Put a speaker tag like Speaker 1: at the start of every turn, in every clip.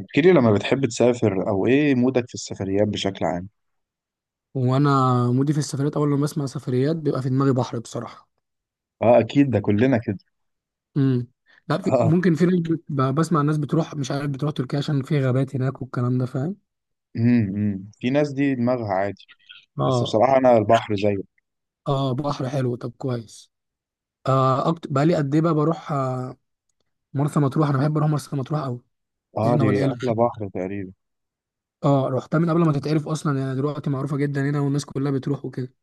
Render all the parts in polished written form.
Speaker 1: احكي لي لما بتحب تسافر او ايه مودك في السفريات بشكل عام؟
Speaker 2: وانا مودي في السفريات، اول لما بسمع سفريات بيبقى في دماغي بحر بصراحه.
Speaker 1: اه، اكيد ده كلنا كده.
Speaker 2: امم. لا، في
Speaker 1: اه.
Speaker 2: ممكن في ناس بسمع الناس بتروح، مش عارف، بتروح تركيا عشان في غابات هناك والكلام ده، فاهم؟
Speaker 1: إمم. في ناس دي دماغها عادي. بس
Speaker 2: اه،
Speaker 1: بصراحة انا البحر زيه.
Speaker 2: اه، بحر حلو، طب كويس. بقى لي قد ايه بقى بروح مرسى مطروح، انا بحب اروح مرسى مطروح قوي.
Speaker 1: اه،
Speaker 2: احنا
Speaker 1: دي
Speaker 2: والعيله.
Speaker 1: احلى بحر تقريبا.
Speaker 2: اه، رحتها من قبل ما تتعرف اصلا، يعني دلوقتي معروفه جدا هنا والناس كلها بتروح وكده.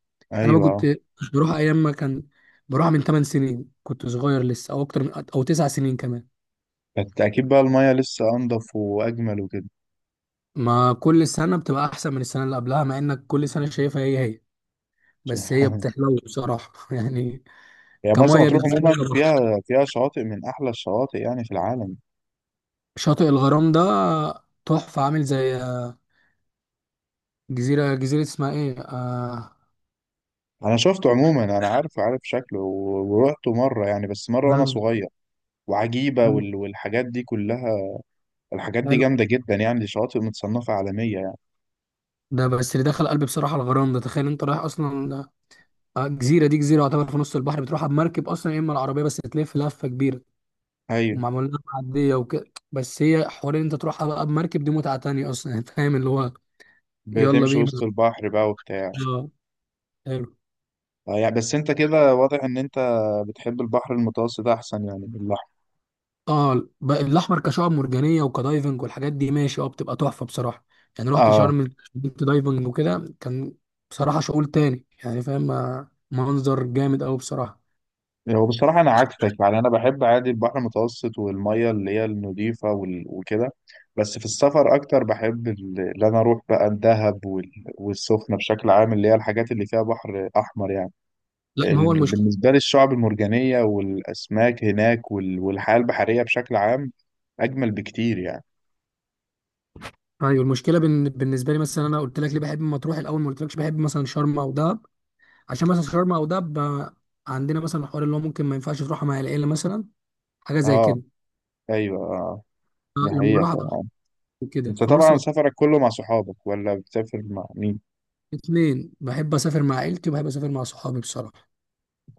Speaker 2: انا بقى كنت
Speaker 1: ايوه.
Speaker 2: مش بروح ايام ما كان. بروح من 8 سنين، كنت صغير لسه، او اكتر، من او 9 سنين كمان.
Speaker 1: بس اكيد بقى المية لسه انضف واجمل وكده.
Speaker 2: ما كل سنة بتبقى أحسن من السنة اللي قبلها، مع إنك كل سنة شايفها هي هي. بس هي بتحلو بصراحة يعني.
Speaker 1: يعني مرسى
Speaker 2: كمية
Speaker 1: مطروح
Speaker 2: بالذات
Speaker 1: عموما
Speaker 2: بصراحة،
Speaker 1: فيها شواطئ من احلى الشواطئ يعني في العالم.
Speaker 2: شاطئ الغرام ده تحفة، عامل زي جزيرة اسمها إيه؟
Speaker 1: انا شفته عموما، انا عارف شكله ورحته مرة يعني، بس مرة وانا
Speaker 2: مم.
Speaker 1: صغير. وعجيبة والحاجات دي كلها. الحاجات دي
Speaker 2: حلو.
Speaker 1: جامدة جدا يعني، دي شواطئ متصنفة عالمية يعني.
Speaker 2: ده بس اللي دخل قلبي بصراحة، الغرام ده. تخيل أنت رايح أصلا جزيرة دي، جزيرة يعتبر في نص البحر، بتروحها بمركب أصلا يا إما العربية بس تلف لفة كبيرة.
Speaker 1: أيوة.
Speaker 2: ومعمول لها معدية وكده. بس هي حوار إن أنت تروحها بقى بمركب، دي متعة تانية أصلا فاهم اللي هو. يلا
Speaker 1: بتمشي
Speaker 2: بينا.
Speaker 1: وسط البحر بقى وبتاع.
Speaker 2: آه. حلو.
Speaker 1: يعني بس أنت كده واضح إن أنت بتحب البحر المتوسط أحسن يعني من الأحمر.
Speaker 2: اه، الاحمر كشعب مرجانيه وكدايفنج والحاجات دي ماشي، اه بتبقى تحفه بصراحه. يعني رحت
Speaker 1: آه.
Speaker 2: شرم، كنت دايفنج وكده، كان بصراحه شغل تاني، يعني فاهم. منظر جامد قوي بصراحه.
Speaker 1: هو بصراحة أنا عكسك يعني، أنا بحب عادي البحر المتوسط والمية اللي هي النضيفة وكده. بس في السفر أكتر بحب اللي أنا أروح بقى الدهب والسخنة بشكل عام، اللي هي الحاجات اللي فيها بحر أحمر يعني.
Speaker 2: لا، ما هو المشكله.
Speaker 1: بالنسبة لي الشعب المرجانية والأسماك هناك والحياة البحرية بشكل عام أجمل بكتير يعني.
Speaker 2: ايوه، المشكله بالنسبه لي مثلا، انا قلت لك ليه بحب مطروح الاول، ما قلتلكش بحب مثلا شرم او دهب. عشان مثلا شرم او دهب عندنا مثلا حوار اللي هو ممكن ما ينفعش تروحها مع العيله مثلا. حاجه زي
Speaker 1: اه،
Speaker 2: كده.
Speaker 1: أيوه، اه. دي
Speaker 2: لما
Speaker 1: حقيقة
Speaker 2: بروح أبقى
Speaker 1: طبعا.
Speaker 2: كده،
Speaker 1: أنت
Speaker 2: فمرسى
Speaker 1: طبعا
Speaker 2: مطروح.
Speaker 1: سفرك كله مع صحابك ولا بتسافر مع مين؟
Speaker 2: الاثنين بحب اسافر مع عيلتي وبحب اسافر مع صحابي بصراحه.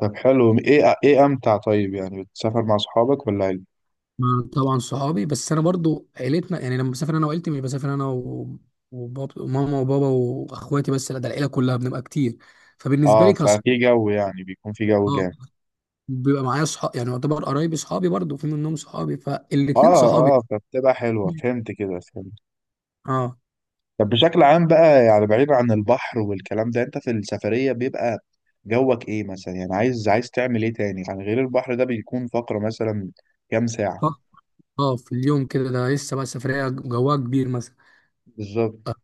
Speaker 1: طب حلو، إيه أمتع؟ طيب يعني بتسافر مع صحابك ولا عيلة؟
Speaker 2: مع طبعا صحابي، بس انا برضو عيلتنا يعني، لما بسافر انا وعيلتي مش بسافر انا وماما وبابا واخواتي بس، لا ده العيله كلها بنبقى كتير. فبالنسبه
Speaker 1: اه،
Speaker 2: لي كصحاب،
Speaker 1: ففي جو يعني، بيكون في جو جامد.
Speaker 2: بيبقى معايا صحاب يعني، يعتبر قرايبي صحابي برضو، في منهم صحابي، فالاتنين
Speaker 1: اه
Speaker 2: صحابي.
Speaker 1: اه، فبتبقى حلوة، فهمت كده فهمت.
Speaker 2: اه،
Speaker 1: طب بشكل عام بقى يعني، بعيد عن البحر والكلام ده، انت في السفرية بيبقى جوك ايه مثلا؟ يعني عايز تعمل ايه تاني؟ يعني غير البحر، ده بيكون فقرة مثلا كام ساعة؟
Speaker 2: ف... اه، في اليوم كده ده لسه بقى سفريه جواها كبير مثلا. آه،
Speaker 1: بالظبط.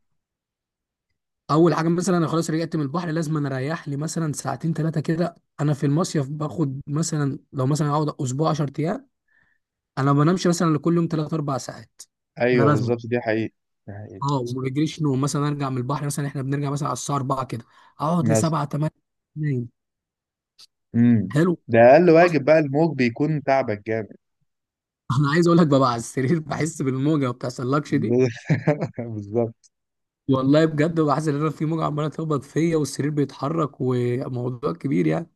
Speaker 2: اول حاجه مثلا، انا خلاص رجعت من البحر، لازم انا اريح لي مثلا ساعتين ثلاثه كده. انا في المصيف باخد مثلا، لو مثلا اقعد اسبوع 10 ايام، انا ما بنامش مثلا لكل يوم 3 4 ساعات. ده
Speaker 1: ايوه
Speaker 2: لازم.
Speaker 1: بالظبط، دي حقيقة. دي حقيقة.
Speaker 2: اه، وما بجريش نوم، مثلا ارجع من البحر مثلا، احنا بنرجع مثلا على الساعه 4 كده، اقعد ل
Speaker 1: مثلا.
Speaker 2: 7 8 نايم.
Speaker 1: امم.
Speaker 2: حلو.
Speaker 1: ده اقل
Speaker 2: اصلا
Speaker 1: واجب بقى، الموج بيكون تعبك جامد.
Speaker 2: انا عايز اقول لك ببقى على السرير بحس بالموجه، ما بتحصلكش دي.
Speaker 1: بالظبط.
Speaker 2: والله بجد، بحس ان انا في موجه عماله تخبط فيا والسرير بيتحرك، وموضوع كبير يعني.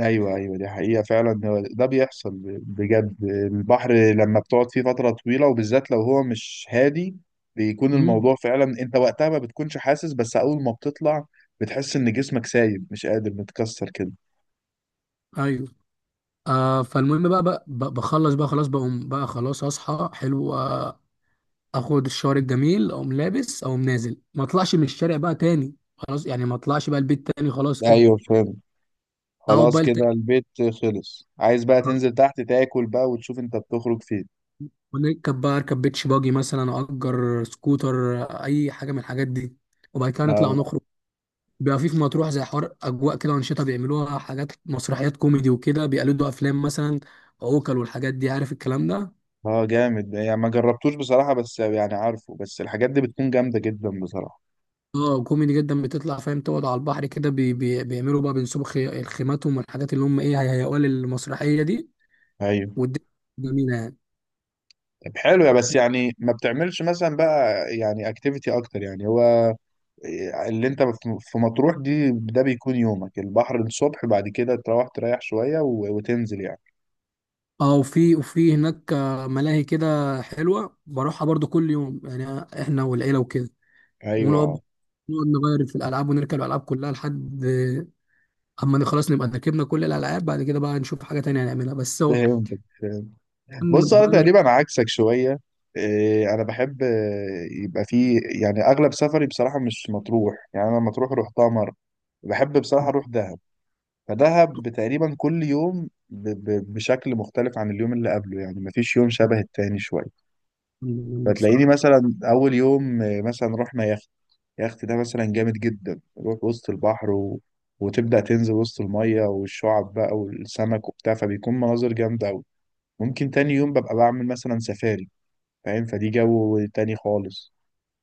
Speaker 1: ايوه ايوه، دي حقيقة فعلا، هو ده بيحصل. بجد البحر لما بتقعد فيه فترة طويلة وبالذات لو هو مش هادي، بيكون الموضوع
Speaker 2: امم.
Speaker 1: فعلا. انت وقتها ما بتكونش حاسس، بس اول ما بتطلع بتحس ان جسمك سايب، مش قادر، متكسر كده.
Speaker 2: ايوه. فالمهم بقى، بخلص بقى، خلاص بقوم بقى، خلاص اصحى حلو اخد الشاور الجميل، اقوم لابس، اقوم نازل، ما اطلعش من الشارع بقى تاني خلاص يعني، ما اطلعش بقى البيت تاني خلاص كده.
Speaker 1: ايوه فاهم.
Speaker 2: او
Speaker 1: خلاص
Speaker 2: بقى
Speaker 1: كده
Speaker 2: تاني
Speaker 1: البيت. خلص، عايز بقى
Speaker 2: خلاص،
Speaker 1: تنزل تحت تاكل بقى، وتشوف انت بتخرج فين.
Speaker 2: ونركب بقى، اركب بيتش باجي مثلا، اجر سكوتر، اي حاجه من الحاجات دي. وبعد كده نطلع
Speaker 1: اه.
Speaker 2: نخرج. بيبقى في مطروح زي حوار اجواء كده وانشطه بيعملوها، حاجات مسرحيات كوميدي وكده بيقلدوا افلام مثلا، عوكل والحاجات دي عارف الكلام ده.
Speaker 1: اه، جامد يعني. ما جربتوش بصراحة، بس يعني عارفه، بس الحاجات دي بتكون جامدة جدا بصراحة.
Speaker 2: اه، كوميدي جدا بتطلع فاهم، تقعد على البحر كده، بي بي بيعملوا بقى، بينسبوا خيماتهم والحاجات اللي هم ايه هيهيئوها للمسرحيه دي.
Speaker 1: ايوه.
Speaker 2: والدنيا جميلة يعني.
Speaker 1: طب حلو. يا بس يعني ما بتعملش مثلا بقى، يعني اكتيفيتي اكتر يعني؟ هو اللي انت في مطروح دي، ده بيكون يومك البحر الصبح، بعد كده تروح تريح شوية وتنزل يعني.
Speaker 2: اه، وفي هناك ملاهي كده، حلوة بروحها برضو كل يوم يعني احنا والعيلة وكده.
Speaker 1: ايوه،
Speaker 2: ونقعد،
Speaker 1: آه.
Speaker 2: نغير في الألعاب ونركب الألعاب كلها لحد أما خلاص نبقى ركبنا كل الألعاب، بعد كده بقى نشوف حاجة تانية نعملها، بس هو
Speaker 1: فهمتك فهمت.
Speaker 2: كان
Speaker 1: بص، انا
Speaker 2: بقالنا كتير
Speaker 1: تقريبا عكسك شوية. انا بحب، يبقى فيه يعني اغلب سفري بصراحة مش مطروح، يعني انا مطروح روحتها مرة. بحب بصراحة اروح دهب. فدهب تقريبا كل يوم بشكل مختلف عن اليوم اللي قبله، يعني مفيش يوم شبه التاني شوية.
Speaker 2: منه
Speaker 1: فتلاقيني
Speaker 2: بصراحة.
Speaker 1: مثلا اول يوم مثلا رحنا يخت. يخت ده مثلا جامد جدا، نروح وسط البحر وتبدأ تنزل وسط المية والشعب بقى والسمك وبتاع، فبيكون مناظر جامدة أوي. ممكن تاني يوم ببقى بعمل مثلا سفاري، فاهم؟ فدي جو تاني خالص.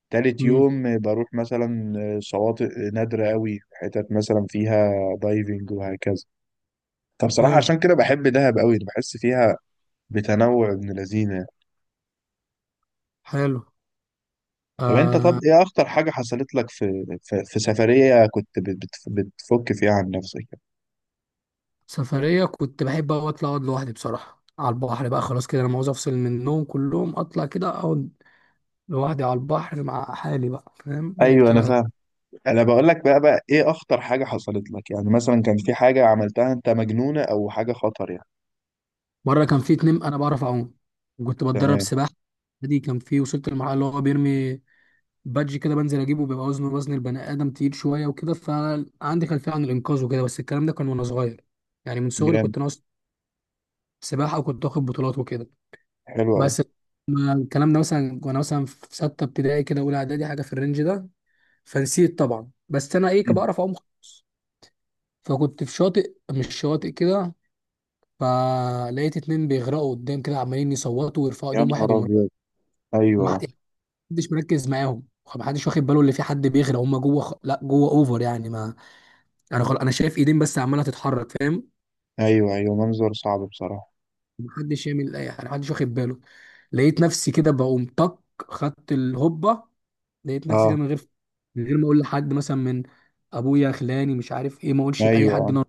Speaker 1: تالت
Speaker 2: امم.
Speaker 1: يوم بروح مثلا شواطئ نادرة أوي، حتت مثلا فيها دايفنج وهكذا. فبصراحة
Speaker 2: حلو.
Speaker 1: عشان كده بحب دهب أوي، بحس فيها بتنوع ابن لذينة.
Speaker 2: حلو. آه.
Speaker 1: طب ايه اخطر حاجة حصلت لك في سفرية كنت بتفك فيها عن نفسك؟
Speaker 2: سفرية كنت بحب أوي أطلع أقعد لوحدي بصراحة على البحر بقى، خلاص كده أنا عاوز أفصل من النوم كلهم، أطلع كده أقعد لوحدي على البحر مع حالي بقى، فاهم،
Speaker 1: ايوه انا
Speaker 2: بتبقى.
Speaker 1: فاهم. انا بقول لك بقى ايه اخطر حاجة حصلت لك يعني؟ مثلا كان في حاجة عملتها انت مجنونة او حاجة خطر يعني.
Speaker 2: مرة كان في اتنين، أنا بعرف أعوم وكنت بتدرب
Speaker 1: تمام.
Speaker 2: سباحة. دي كان في، وصلت للمرحلة اللي هو بيرمي بادج كده بنزل أجيبه، بيبقى وزنه وزن البني آدم، تقيل شوية وكده، فعندي خلفية عن الإنقاذ وكده، بس الكلام ده كان وأنا صغير، يعني من صغري
Speaker 1: جامد.
Speaker 2: كنت ناقص سباحة، وكنت واخد بطولات وكده.
Speaker 1: حلو قوي.
Speaker 2: بس ما الكلام ده مثلا وأنا مثلا في ستة ابتدائي كده، أولى إعدادي، حاجة في الرينج ده. فنسيت طبعا، بس أنا إيه، كان
Speaker 1: مم.
Speaker 2: بعرف أعوم. فكنت في شاطئ، مش شاطئ كده، فلقيت اتنين بيغرقوا قدام كده عمالين يصوتوا ويرفعوا
Speaker 1: يا
Speaker 2: ايديهم، واحد
Speaker 1: نهار ابيض.
Speaker 2: ومر،
Speaker 1: ايوه
Speaker 2: محدش مركز معاهم، محدش واخد باله اللي في حد بيغرق، هم جوه لا جوه اوفر يعني، ما انا شايف ايدين بس عماله تتحرك، فاهم.
Speaker 1: ايوه ايوه، منظر صعب بصراحة.
Speaker 2: محدش يعمل اي حاجه، محدش واخد باله. لقيت نفسي كده بقوم طق، خدت الهبه. لقيت نفسي كده
Speaker 1: اه.
Speaker 2: من غير ما اقول لحد مثلا، من ابويا خلاني مش عارف ايه، ما اقولش لاي حد
Speaker 1: ايوه
Speaker 2: انا.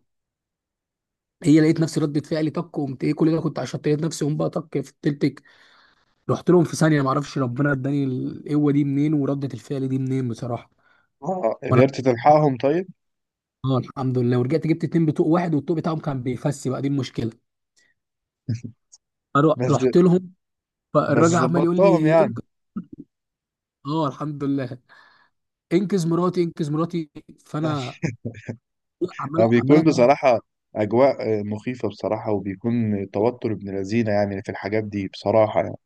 Speaker 2: هي لقيت نفسي ردة فعلي طق، قمت ايه كل ده كنت، عشان لقيت نفسي قوم بقى طق في التلتك، رحت لهم في ثانيه، ما اعرفش ربنا اداني القوه دي منين ورده الفعل دي منين بصراحه.
Speaker 1: اه، قدرت تلحقهم طيب؟
Speaker 2: اه الحمد لله، ورجعت جبت اتنين بطوق واحد، والطوق بتاعهم كان بيفسي بقى، دي المشكله.
Speaker 1: بس
Speaker 2: رحت لهم.
Speaker 1: بس
Speaker 2: فالراجل عمال يقول
Speaker 1: ظبطتهم
Speaker 2: لي:
Speaker 1: يعني؟
Speaker 2: انقذ. اه الحمد لله. انقذ مراتي، انقذ مراتي. فانا عمال
Speaker 1: فبيكون
Speaker 2: اتهب.
Speaker 1: بصراحة أجواء مخيفة بصراحة، وبيكون توتر ابن لذينة يعني في الحاجات دي بصراحة يعني.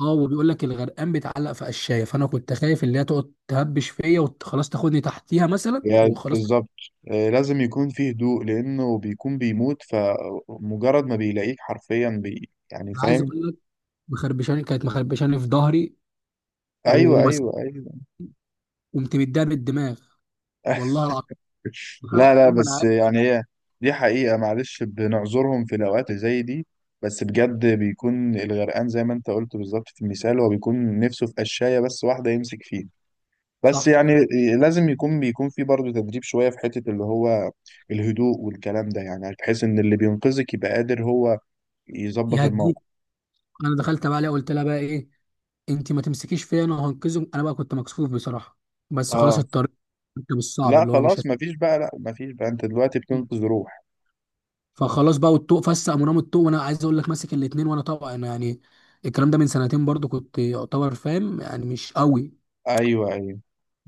Speaker 2: اه، وبيقول لك الغرقان بيتعلق في قشايه، فانا كنت خايف اللي هي تقعد تهبش فيا وخلاص تاخدني تحتيها مثلا
Speaker 1: هي
Speaker 2: وخلاص.
Speaker 1: بالظبط. لازم يكون فيه هدوء، لأنه بيكون بيموت، فمجرد ما بيلاقيك حرفيا يعني،
Speaker 2: انا عايز
Speaker 1: فاهم.
Speaker 2: اقول لك، مخربشاني كانت مخربشاني في ظهري،
Speaker 1: أيوه
Speaker 2: ومس...
Speaker 1: أيوه أيوه.
Speaker 2: قمت مديها بالدماغ. والله العظيم، والله
Speaker 1: لا لا،
Speaker 2: العظيم ما انا
Speaker 1: بس
Speaker 2: عارف.
Speaker 1: يعني هي دي حقيقة، معلش بنعذرهم في الأوقات زي دي. بس بجد بيكون الغرقان زي ما أنت قلت بالظبط في المثال، هو بيكون نفسه في قشاية بس واحدة يمسك فيها، بس يعني
Speaker 2: صح،
Speaker 1: لازم يكون بيكون في برضه تدريب شوية في حتة اللي هو الهدوء والكلام ده، يعني بحيث ان اللي بينقذك يبقى قادر هو يظبط
Speaker 2: يهديك.
Speaker 1: الموقف.
Speaker 2: انا دخلت بقى عليها، قلت لها بقى ايه، انت ما تمسكيش فيا انا وهنقذك. انا بقى كنت مكسوف بصراحه، بس خلاص
Speaker 1: اه.
Speaker 2: الطريق، كنت بالصعب
Speaker 1: لا
Speaker 2: اللي هو مش
Speaker 1: خلاص، مفيش بقى، لا مفيش بقى، انت دلوقتي بتنقذ روح.
Speaker 2: فخلاص بقى، والطوق فسق مرام الطوق، وانا عايز اقول لك ماسك الاتنين، وانا طبعا يعني الكلام ده من سنتين برضو، كنت يعتبر فاهم، يعني مش قوي،
Speaker 1: ايوه ايوه.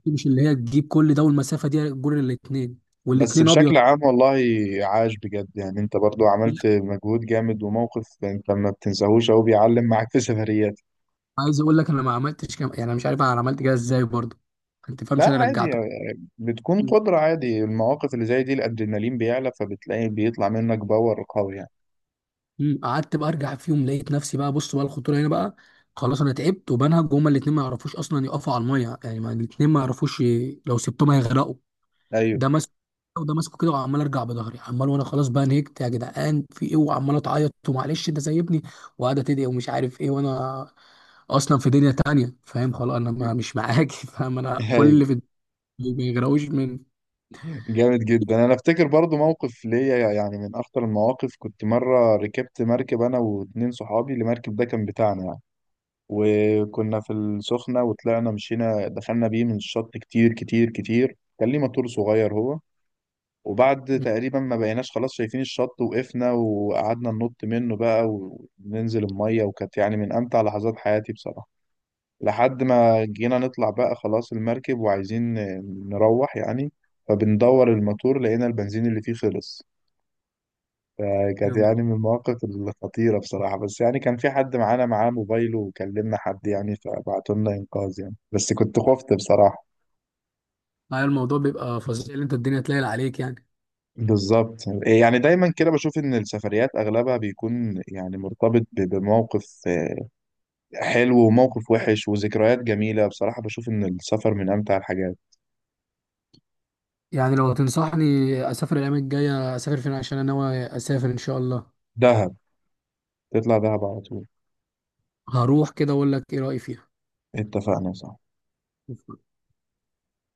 Speaker 2: مش اللي هي تجيب كل ده، والمسافه دي جور الاتنين،
Speaker 1: بس
Speaker 2: والاتنين ابيض.
Speaker 1: بشكل عام والله عاش بجد يعني، انت برضو عملت مجهود جامد، وموقف انت ما بتنساهوش او بيعلم معاك في سفريات.
Speaker 2: عايز اقول لك، انا ما عملتش يعني انا مش عارف انا عملت كده ازاي برضو، انت فاهمش؟
Speaker 1: لا
Speaker 2: انا
Speaker 1: عادي
Speaker 2: رجعته.
Speaker 1: يعني، بتكون قدرة عادي. المواقف اللي زي دي الادرينالين بيعلى، فبتلاقي بيطلع منك باور قوي يعني.
Speaker 2: مم. قعدت بقى ارجع، في يوم لقيت نفسي بقى، بص بقى الخطوره هنا بقى، خلاص انا تعبت وبنهج، وهما الاثنين ما يعرفوش اصلا يقفوا على الميه، يعني ما الاثنين ما يعرفوش لو سبتهم هيغرقوا.
Speaker 1: ايوه.
Speaker 2: ده ماسك، وده ماسكه كده، وعمال ارجع بظهري عمال، وانا خلاص بقى نهجت، يا جدعان في ايه، وعمال اتعيط ومعلش ده سايبني، وقاعده تدعي ومش عارف ايه، وانا اصلا في دنيا تانية، فاهم، خلاص انا ما مش معاكي فاهم، انا كل
Speaker 1: ايوه.
Speaker 2: اللي في الدنيا ما يغرقوش من.
Speaker 1: جامد جدا. انا افتكر برضو موقف ليا يعني من اخطر المواقف. كنت مره ركبت مركب انا واتنين صحابي، المركب ده كان بتاعنا يعني، وكنا في السخنه، وطلعنا مشينا دخلنا بيه من الشط كتير كتير كتير، كان ليه موتور صغير هو. وبعد تقريبا ما بقيناش خلاص شايفين الشط، وقفنا وقعدنا ننط منه بقى وننزل الميه، وكانت يعني من امتع لحظات حياتي بصراحه. لحد ما جينا نطلع بقى خلاص المركب وعايزين نروح يعني، فبندور الموتور لقينا البنزين اللي فيه خلص. فكانت
Speaker 2: يعني
Speaker 1: يعني من المواقف الخطيرة بصراحة، بس يعني كان في حد معانا معاه موبايله وكلمنا حد يعني، فبعتوا لنا إنقاذ يعني، بس كنت خفت بصراحة.
Speaker 2: الموضوع بيبقى فظيع، اللي انت الدنيا تلاقي عليك يعني.
Speaker 1: بالظبط يعني، دايما كده بشوف ان السفريات اغلبها بيكون يعني مرتبط بموقف حلو وموقف وحش وذكريات جميلة، بصراحة بشوف ان السفر من امتع الحاجات.
Speaker 2: يعني لو تنصحني اسافر الايام الجايه، اسافر فين عشان انا ناوي اسافر ان شاء الله؟
Speaker 1: دهب. تطلع دهب على طول.
Speaker 2: هروح كده اقول لك ايه رايي فيها.
Speaker 1: اتفقنا، صح؟